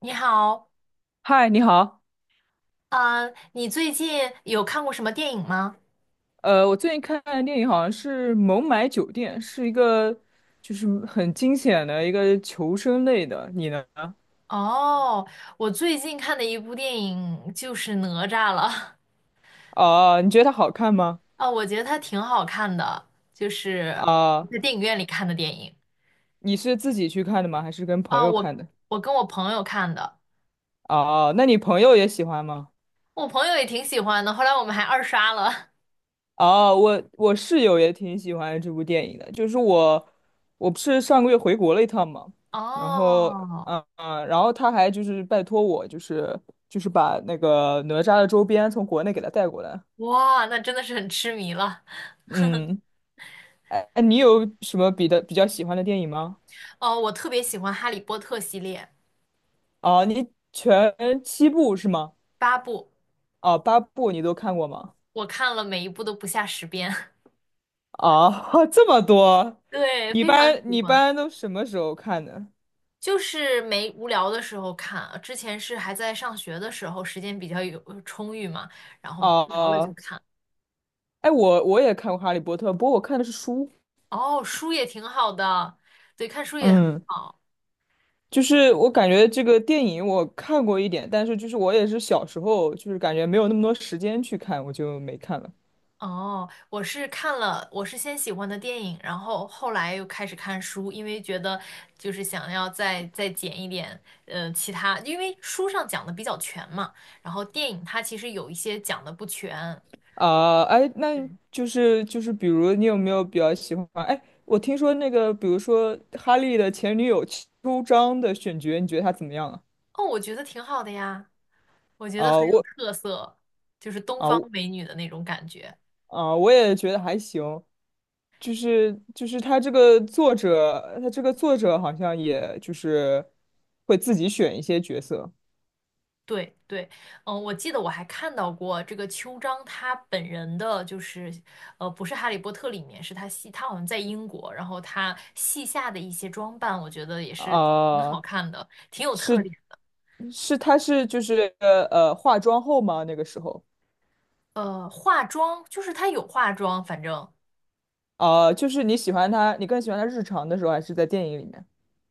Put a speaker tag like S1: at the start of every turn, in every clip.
S1: 你好，
S2: 嗨，你好。
S1: 嗯，你最近有看过什么电影吗？
S2: 我最近看的电影好像是《孟买酒店》，是一个很惊险的一个求生类的。你呢？
S1: 哦，我最近看的一部电影就是《哪吒》了，
S2: 你觉得它好看吗？
S1: 啊，我觉得它挺好看的，就是
S2: 啊、
S1: 在电影院里看的电影。
S2: 你是自己去看的吗？还是跟朋
S1: 啊，
S2: 友
S1: 我
S2: 看的？
S1: 我跟我朋友看的，
S2: 哦、那你朋友也喜欢吗？
S1: 我朋友也挺喜欢的，后来我们还二刷了。
S2: 哦、我室友也挺喜欢这部电影的。我不是上个月回国了一趟嘛。然后，
S1: 哦，
S2: 嗯嗯，然后他还拜托我，把那个哪吒的周边从国内给他带过来。
S1: 哇，那真的是很痴迷了。
S2: 嗯。哎，你有什么比较喜欢的电影吗？
S1: 哦，我特别喜欢《哈利波特》系列，
S2: 啊，你全7部是吗？
S1: 8部，
S2: 啊，8部你都看过吗？
S1: 我看了每一部都不下10遍。
S2: 啊，这么多。
S1: 对，非常喜
S2: 你一
S1: 欢。
S2: 般都什么时候看的？
S1: 就是没无聊的时候看啊，之前是还在上学的时候，时间比较有充裕嘛，然后无聊了就
S2: 啊，
S1: 看。
S2: 哎，我也看过《哈利波特》，不过我看的是书。
S1: 哦，书也挺好的，对，看书也很
S2: 嗯，
S1: 好。
S2: 我感觉这个电影我看过一点，但是我也是小时候，感觉没有那么多时间去看，我就没看了。
S1: 哦，我是看了，我是先喜欢的电影，然后后来又开始看书，因为觉得就是想要再捡一点，其他，因为书上讲的比较全嘛，然后电影它其实有一些讲的不全。
S2: 啊，哎，
S1: 对，
S2: 那，比如你有没有比较喜欢？哎，我听说那个，比如说哈利的前女友秋张的选角，你觉得她怎么样啊？
S1: 哦，我觉得挺好的呀。我觉得
S2: 啊，
S1: 很有特色，就是东
S2: 啊
S1: 方
S2: 我
S1: 美女的那种感觉。
S2: 我也觉得还行。他这个作者好像也会自己选一些角色
S1: 对对，嗯，我记得我还看到过这个秋张他本人的，就是不是《哈利波特》里面，是他戏，他好像在英国，然后他戏下的一些装扮，我觉得也是挺好
S2: 啊。
S1: 看的，挺有特
S2: 是
S1: 点。
S2: 他是化妆后吗？那个时候
S1: 化妆就是他有化妆，反正
S2: 啊，你喜欢他，你更喜欢他日常的时候，还是在电影里面？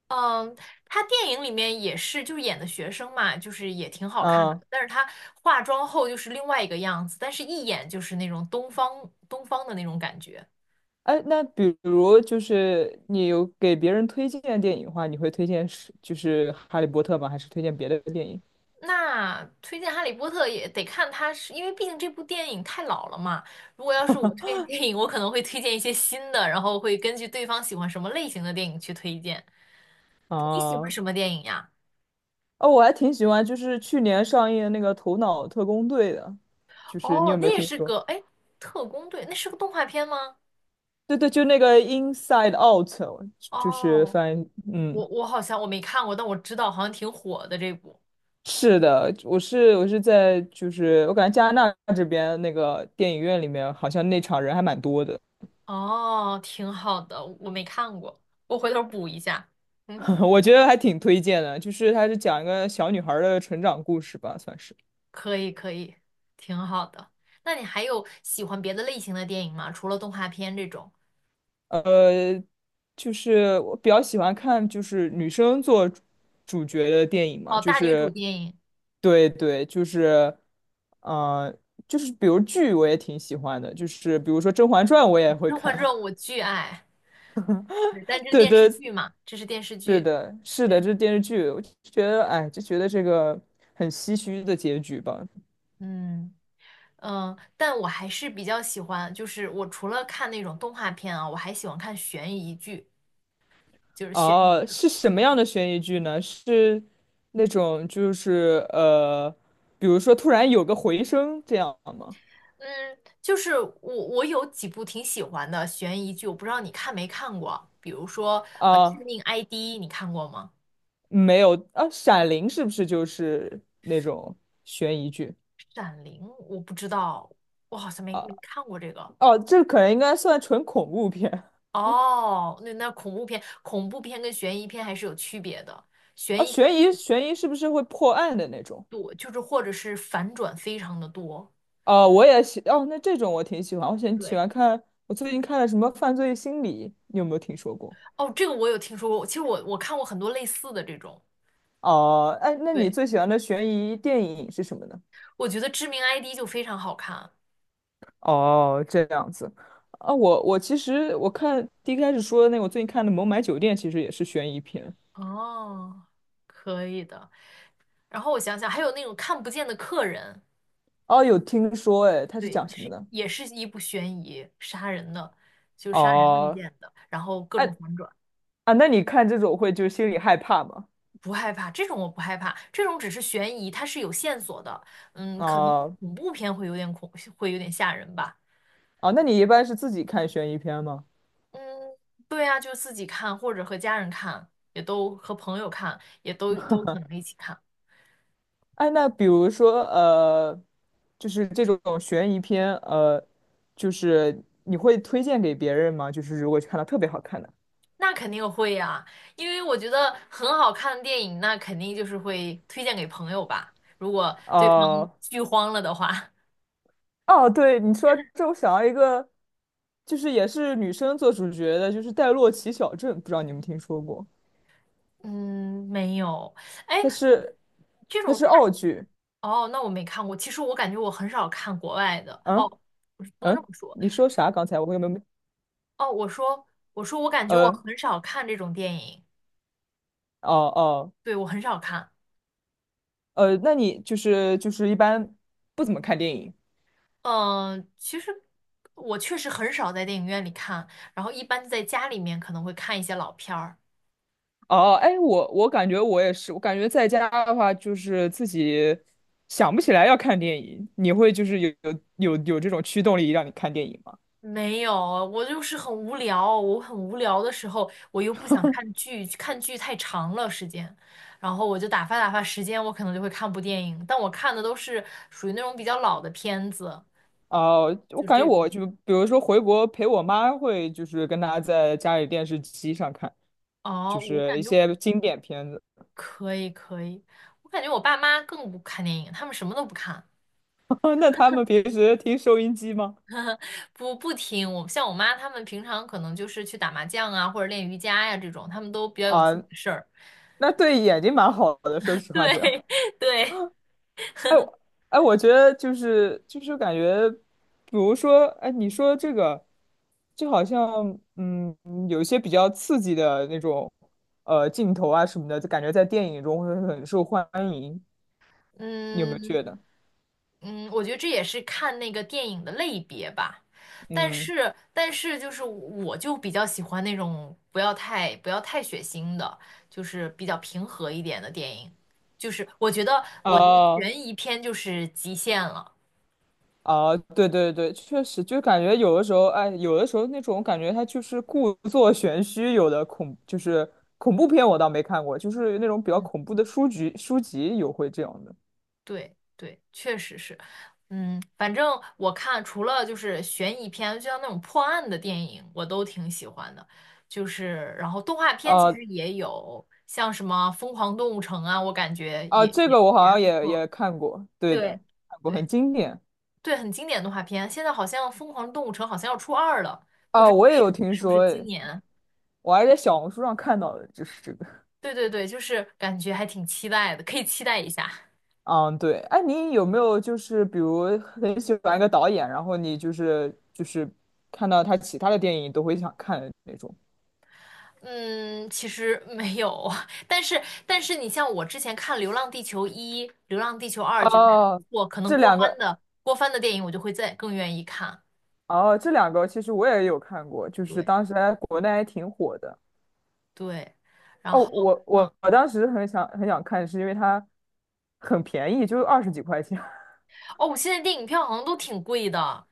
S1: 嗯，他电影里面也是，就是演的学生嘛，就是也挺好看的。
S2: 嗯，
S1: 但是他化妆后就是另外一个样子，但是一眼就是那种东方的那种感觉。
S2: 哎，那比如你有给别人推荐电影的话，你会推荐《哈利波特》吗？还是推荐别的电影？
S1: 那推荐《哈利波特》也得看他，是，因为毕竟这部电影太老了嘛。如果要是我推荐电影，我可能会推荐一些新的，然后会根据对方喜欢什么类型的电影去推荐。你喜欢
S2: 啊，
S1: 什么电影呀？
S2: 哦，我还挺喜欢去年上映的那个《头脑特工队》的，你
S1: 哦，
S2: 有没
S1: 那
S2: 有
S1: 也
S2: 听
S1: 是
S2: 说？
S1: 个，哎，特工队，那是个动画片吗？
S2: 对对，就那个《Inside Out》，就是
S1: 哦。
S2: 翻译，嗯，
S1: 我好像我没看过，但我知道好像挺火的这部。
S2: 是的。我是在就是我感觉加拿大这边那个电影院里面，好像那场人还蛮多的。
S1: 哦，挺好的，我没看过，我回头补一下。嗯，
S2: 我觉得还挺推荐的，它是讲一个小女孩儿的成长故事吧，算是。
S1: 可以可以，挺好的。那你还有喜欢别的类型的电影吗？除了动画片这种？
S2: 呃，我比较喜欢看女生做主角的电影嘛。
S1: 哦，大女主电影
S2: 对对。呃，比如剧我也挺喜欢的，比如说《甄嬛传》我也会
S1: 《甄嬛传》
S2: 看。
S1: 我巨爱，对但这 是
S2: 对
S1: 电视
S2: 对，
S1: 剧嘛，这是电视
S2: 是
S1: 剧。
S2: 的，是的，
S1: 对，
S2: 这是电视剧，我就觉得哎，就觉得这个很唏嘘的结局吧。
S1: 嗯嗯，但我还是比较喜欢，就是我除了看那种动画片啊，我还喜欢看悬疑剧。就是悬。
S2: 哦，是什么样的悬疑剧呢？是那种比如说突然有个回声这样吗？
S1: 嗯，就是我有几部挺喜欢的悬疑剧，我不知道你看没看过，比如说致
S2: 啊，
S1: 命 ID》，你看过吗？
S2: 没有啊。《闪灵》是不是就是那种悬疑剧
S1: 《闪灵》我不知道，我好像没
S2: 啊？
S1: 没看过这个。
S2: 哦，这可能应该算纯恐怖片
S1: 哦，那那恐怖片，恐怖片跟悬疑片还是有区别的，
S2: 啊。
S1: 悬疑片
S2: 悬疑是不是会破案的那种？
S1: 多就是或者是反转非常的多。
S2: 哦，我也喜哦，那这种我挺喜欢，我喜
S1: 对，
S2: 欢看。我最近看了什么《犯罪心理》，你有没有听说过？
S1: 哦，这个我有听说过，其实我看过很多类似的这种，
S2: 哦，哎，那你
S1: 对，
S2: 最喜欢的悬疑电影是什么呢？
S1: 我觉得《致命 ID》就非常好看。
S2: 哦，这样子啊，我其实看第一开始说的那个，我最近看的《孟买酒店》其实也是悬疑片。
S1: 哦，可以的。然后我想想，还有那种看不见的客人，
S2: 哦，有听说。哎，它是
S1: 对，
S2: 讲什么
S1: 是
S2: 的？
S1: 也是一部悬疑杀人的，就杀人案
S2: 哦，
S1: 件的，然后各
S2: 哎
S1: 种反转，
S2: 那你看这种会心里害怕吗？
S1: 不害怕，这种我不害怕，这种只是悬疑，它是有线索的，嗯，可能
S2: 哦
S1: 恐怖片会有点恐，会有点吓人吧，
S2: 哦，那你一般是自己看悬疑片吗？
S1: 嗯，对啊，就自己看或者和家人看，也都和朋友看，也都可能一起看。
S2: 哎，那比如说这种悬疑片，你会推荐给别人吗？如果看到特别好看的，
S1: 那肯定会呀，因为我觉得很好看的电影，那肯定就是会推荐给朋友吧。如果对方
S2: 哦、
S1: 剧荒了的话，
S2: 哦，对，你说这，我想到一个，也是女生做主角的，《戴洛奇小镇》，不知道你们听说过？
S1: 嗯，没有。哎，
S2: 它
S1: 你
S2: 是
S1: 这
S2: 它
S1: 种
S2: 是
S1: 大，
S2: 澳剧。
S1: 哦，那我没看过。其实我感觉我很少看国外的。哦，
S2: 嗯
S1: 不是不能这么
S2: 嗯，
S1: 说。
S2: 你说啥？刚才我有没有？
S1: 哦，我说我说我感觉我
S2: 呃，
S1: 很少看这种电影，
S2: 哦哦，
S1: 对，我很少看。
S2: 那你一般不怎么看电影
S1: 嗯，其实我确实很少在电影院里看，然后一般在家里面可能会看一些老片儿。
S2: 哦？哎，我感觉我也是，我感觉在家的话，自己想不起来要看电影，你会有这种驱动力让你看电影吗？
S1: 没有，我就是很无聊，我很无聊的时候，我又不想看剧，看剧太长了时间，然后我就打发时间，我可能就会看部电影，但我看的都是属于那种比较老的片子，
S2: 哦，我
S1: 就是
S2: 感觉
S1: 这
S2: 我
S1: 种。
S2: 就比如说回国陪我妈，会跟她在家里电视机上看，
S1: 哦，我
S2: 一
S1: 感觉
S2: 些经典片子。
S1: 可以可以，我感觉我爸妈更不看电影，他们什么都不看，
S2: 那他们平时听收音机吗？
S1: 不听。我像我妈，他们平常可能就是去打麻将啊，或者练瑜伽呀、这种，他们都比较有
S2: 啊，
S1: 自己的事儿。
S2: 那对眼睛蛮好的，说 实话，这样。
S1: 对对，
S2: 哎，我哎，我觉得感觉，比如说，哎，你说这个，就好像有一些比较刺激的那种镜头啊什么的，就感觉在电影中会很受欢迎，你有没有
S1: 嗯
S2: 觉得？
S1: 嗯，我觉得这也是看那个电影的类别吧。但
S2: 嗯。
S1: 是但是就是我就比较喜欢那种不要太血腥的，就是比较平和一点的电影。就是我觉得
S2: 哦
S1: 悬疑片就是极限了。
S2: 哦，对对对，确实，就感觉有的时候，哎，有的时候那种感觉，它就是故作 玄虚。有的恐就是恐怖片，我倒没看过，就是那种比较
S1: 嗯
S2: 恐怖的书籍，书籍有会这样的。
S1: 对对，确实是，嗯，反正我看除了就是悬疑片，就像那种破案的电影，我都挺喜欢的。就是然后动画片其
S2: 啊
S1: 实也有，像什么《疯狂动物城》啊，我感觉
S2: 啊，
S1: 也
S2: 这
S1: 也
S2: 个我好像
S1: 不
S2: 也
S1: 错。
S2: 也看过，对
S1: 对
S2: 的。看过，很
S1: 对
S2: 经典。
S1: 对，很经典的动画片。现在好像《疯狂动物城》好像要出二了，不
S2: 啊，
S1: 知
S2: 我也有
S1: 是
S2: 听
S1: 是不是
S2: 说。
S1: 今
S2: 哎，
S1: 年？
S2: 我还在小红书上看到的，就是这个。
S1: 对对对，就是感觉还挺期待的，可以期待一下。
S2: 嗯，对，哎，你有没有比如很喜欢一个导演，然后你看到他其他的电影都会想看的那种？
S1: 嗯，其实没有，但是你像我之前看《流浪地球一》《流浪地球二》，觉得还
S2: 哦，
S1: 不错，可能
S2: 这
S1: 郭
S2: 两
S1: 帆
S2: 个
S1: 的郭帆的电影我就会再更愿意看。
S2: 哦，这两个其实我也有看过，就是
S1: 对
S2: 当时在国内还挺火的。
S1: 对，然
S2: 哦，
S1: 后
S2: 我
S1: 嗯
S2: 我我当时很想很想看，是因为它很便宜，就20几块钱。
S1: 哦，我现在电影票好像都挺贵的，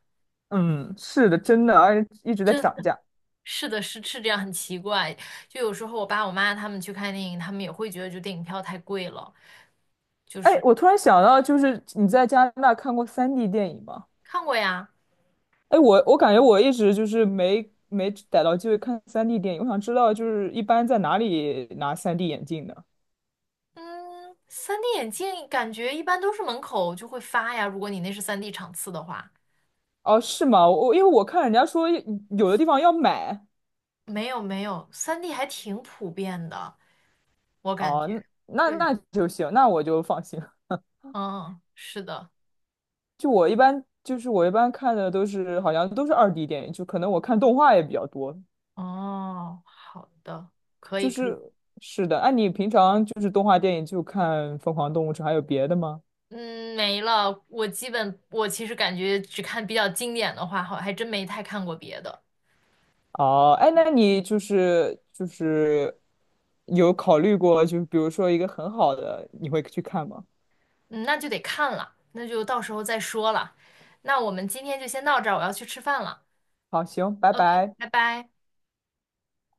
S2: 嗯，是的，真的，而且一直在
S1: 真
S2: 涨
S1: 的
S2: 价。
S1: 是的是是这样，很奇怪。就有时候我爸我妈他们去看电影，他们也会觉得就电影票太贵了。
S2: 哎，我突然想到，你在加拿大看过三 d 电影吗？
S1: 看过呀，
S2: 哎，我感觉我一直没逮到机会看三 d 电影，我想知道一般在哪里拿三 d 眼镜呢？
S1: 嗯三 d 眼镜感觉一般都是门口就会发呀，如果你那是三 d 场次的话。
S2: 哦，是吗？我因为我看人家说有的地方要买。
S1: 没有三 d 还挺普遍的，我感
S2: 哦，
S1: 觉。
S2: 那
S1: 对，
S2: 那就行，那我就放心了。
S1: 嗯，是的，
S2: 就我一般就是我一般看的都是好像都是2D 电影，就可能我看动画也比较多。
S1: 哦，好的，可
S2: 就
S1: 以可以，
S2: 是是的。你平常动画电影就看《疯狂动物城》，还有别的吗？
S1: 嗯，没了。我基本我其实感觉只看比较经典的话，好，还真没太看过别的。
S2: 哦，哎，那你有考虑过，比如说一个很好的，你会去看吗？
S1: 嗯，那就得看了，那就到时候再说了。那我们今天就先到这儿，我要去吃饭了。
S2: 好，行，拜
S1: OK，
S2: 拜。
S1: 拜拜。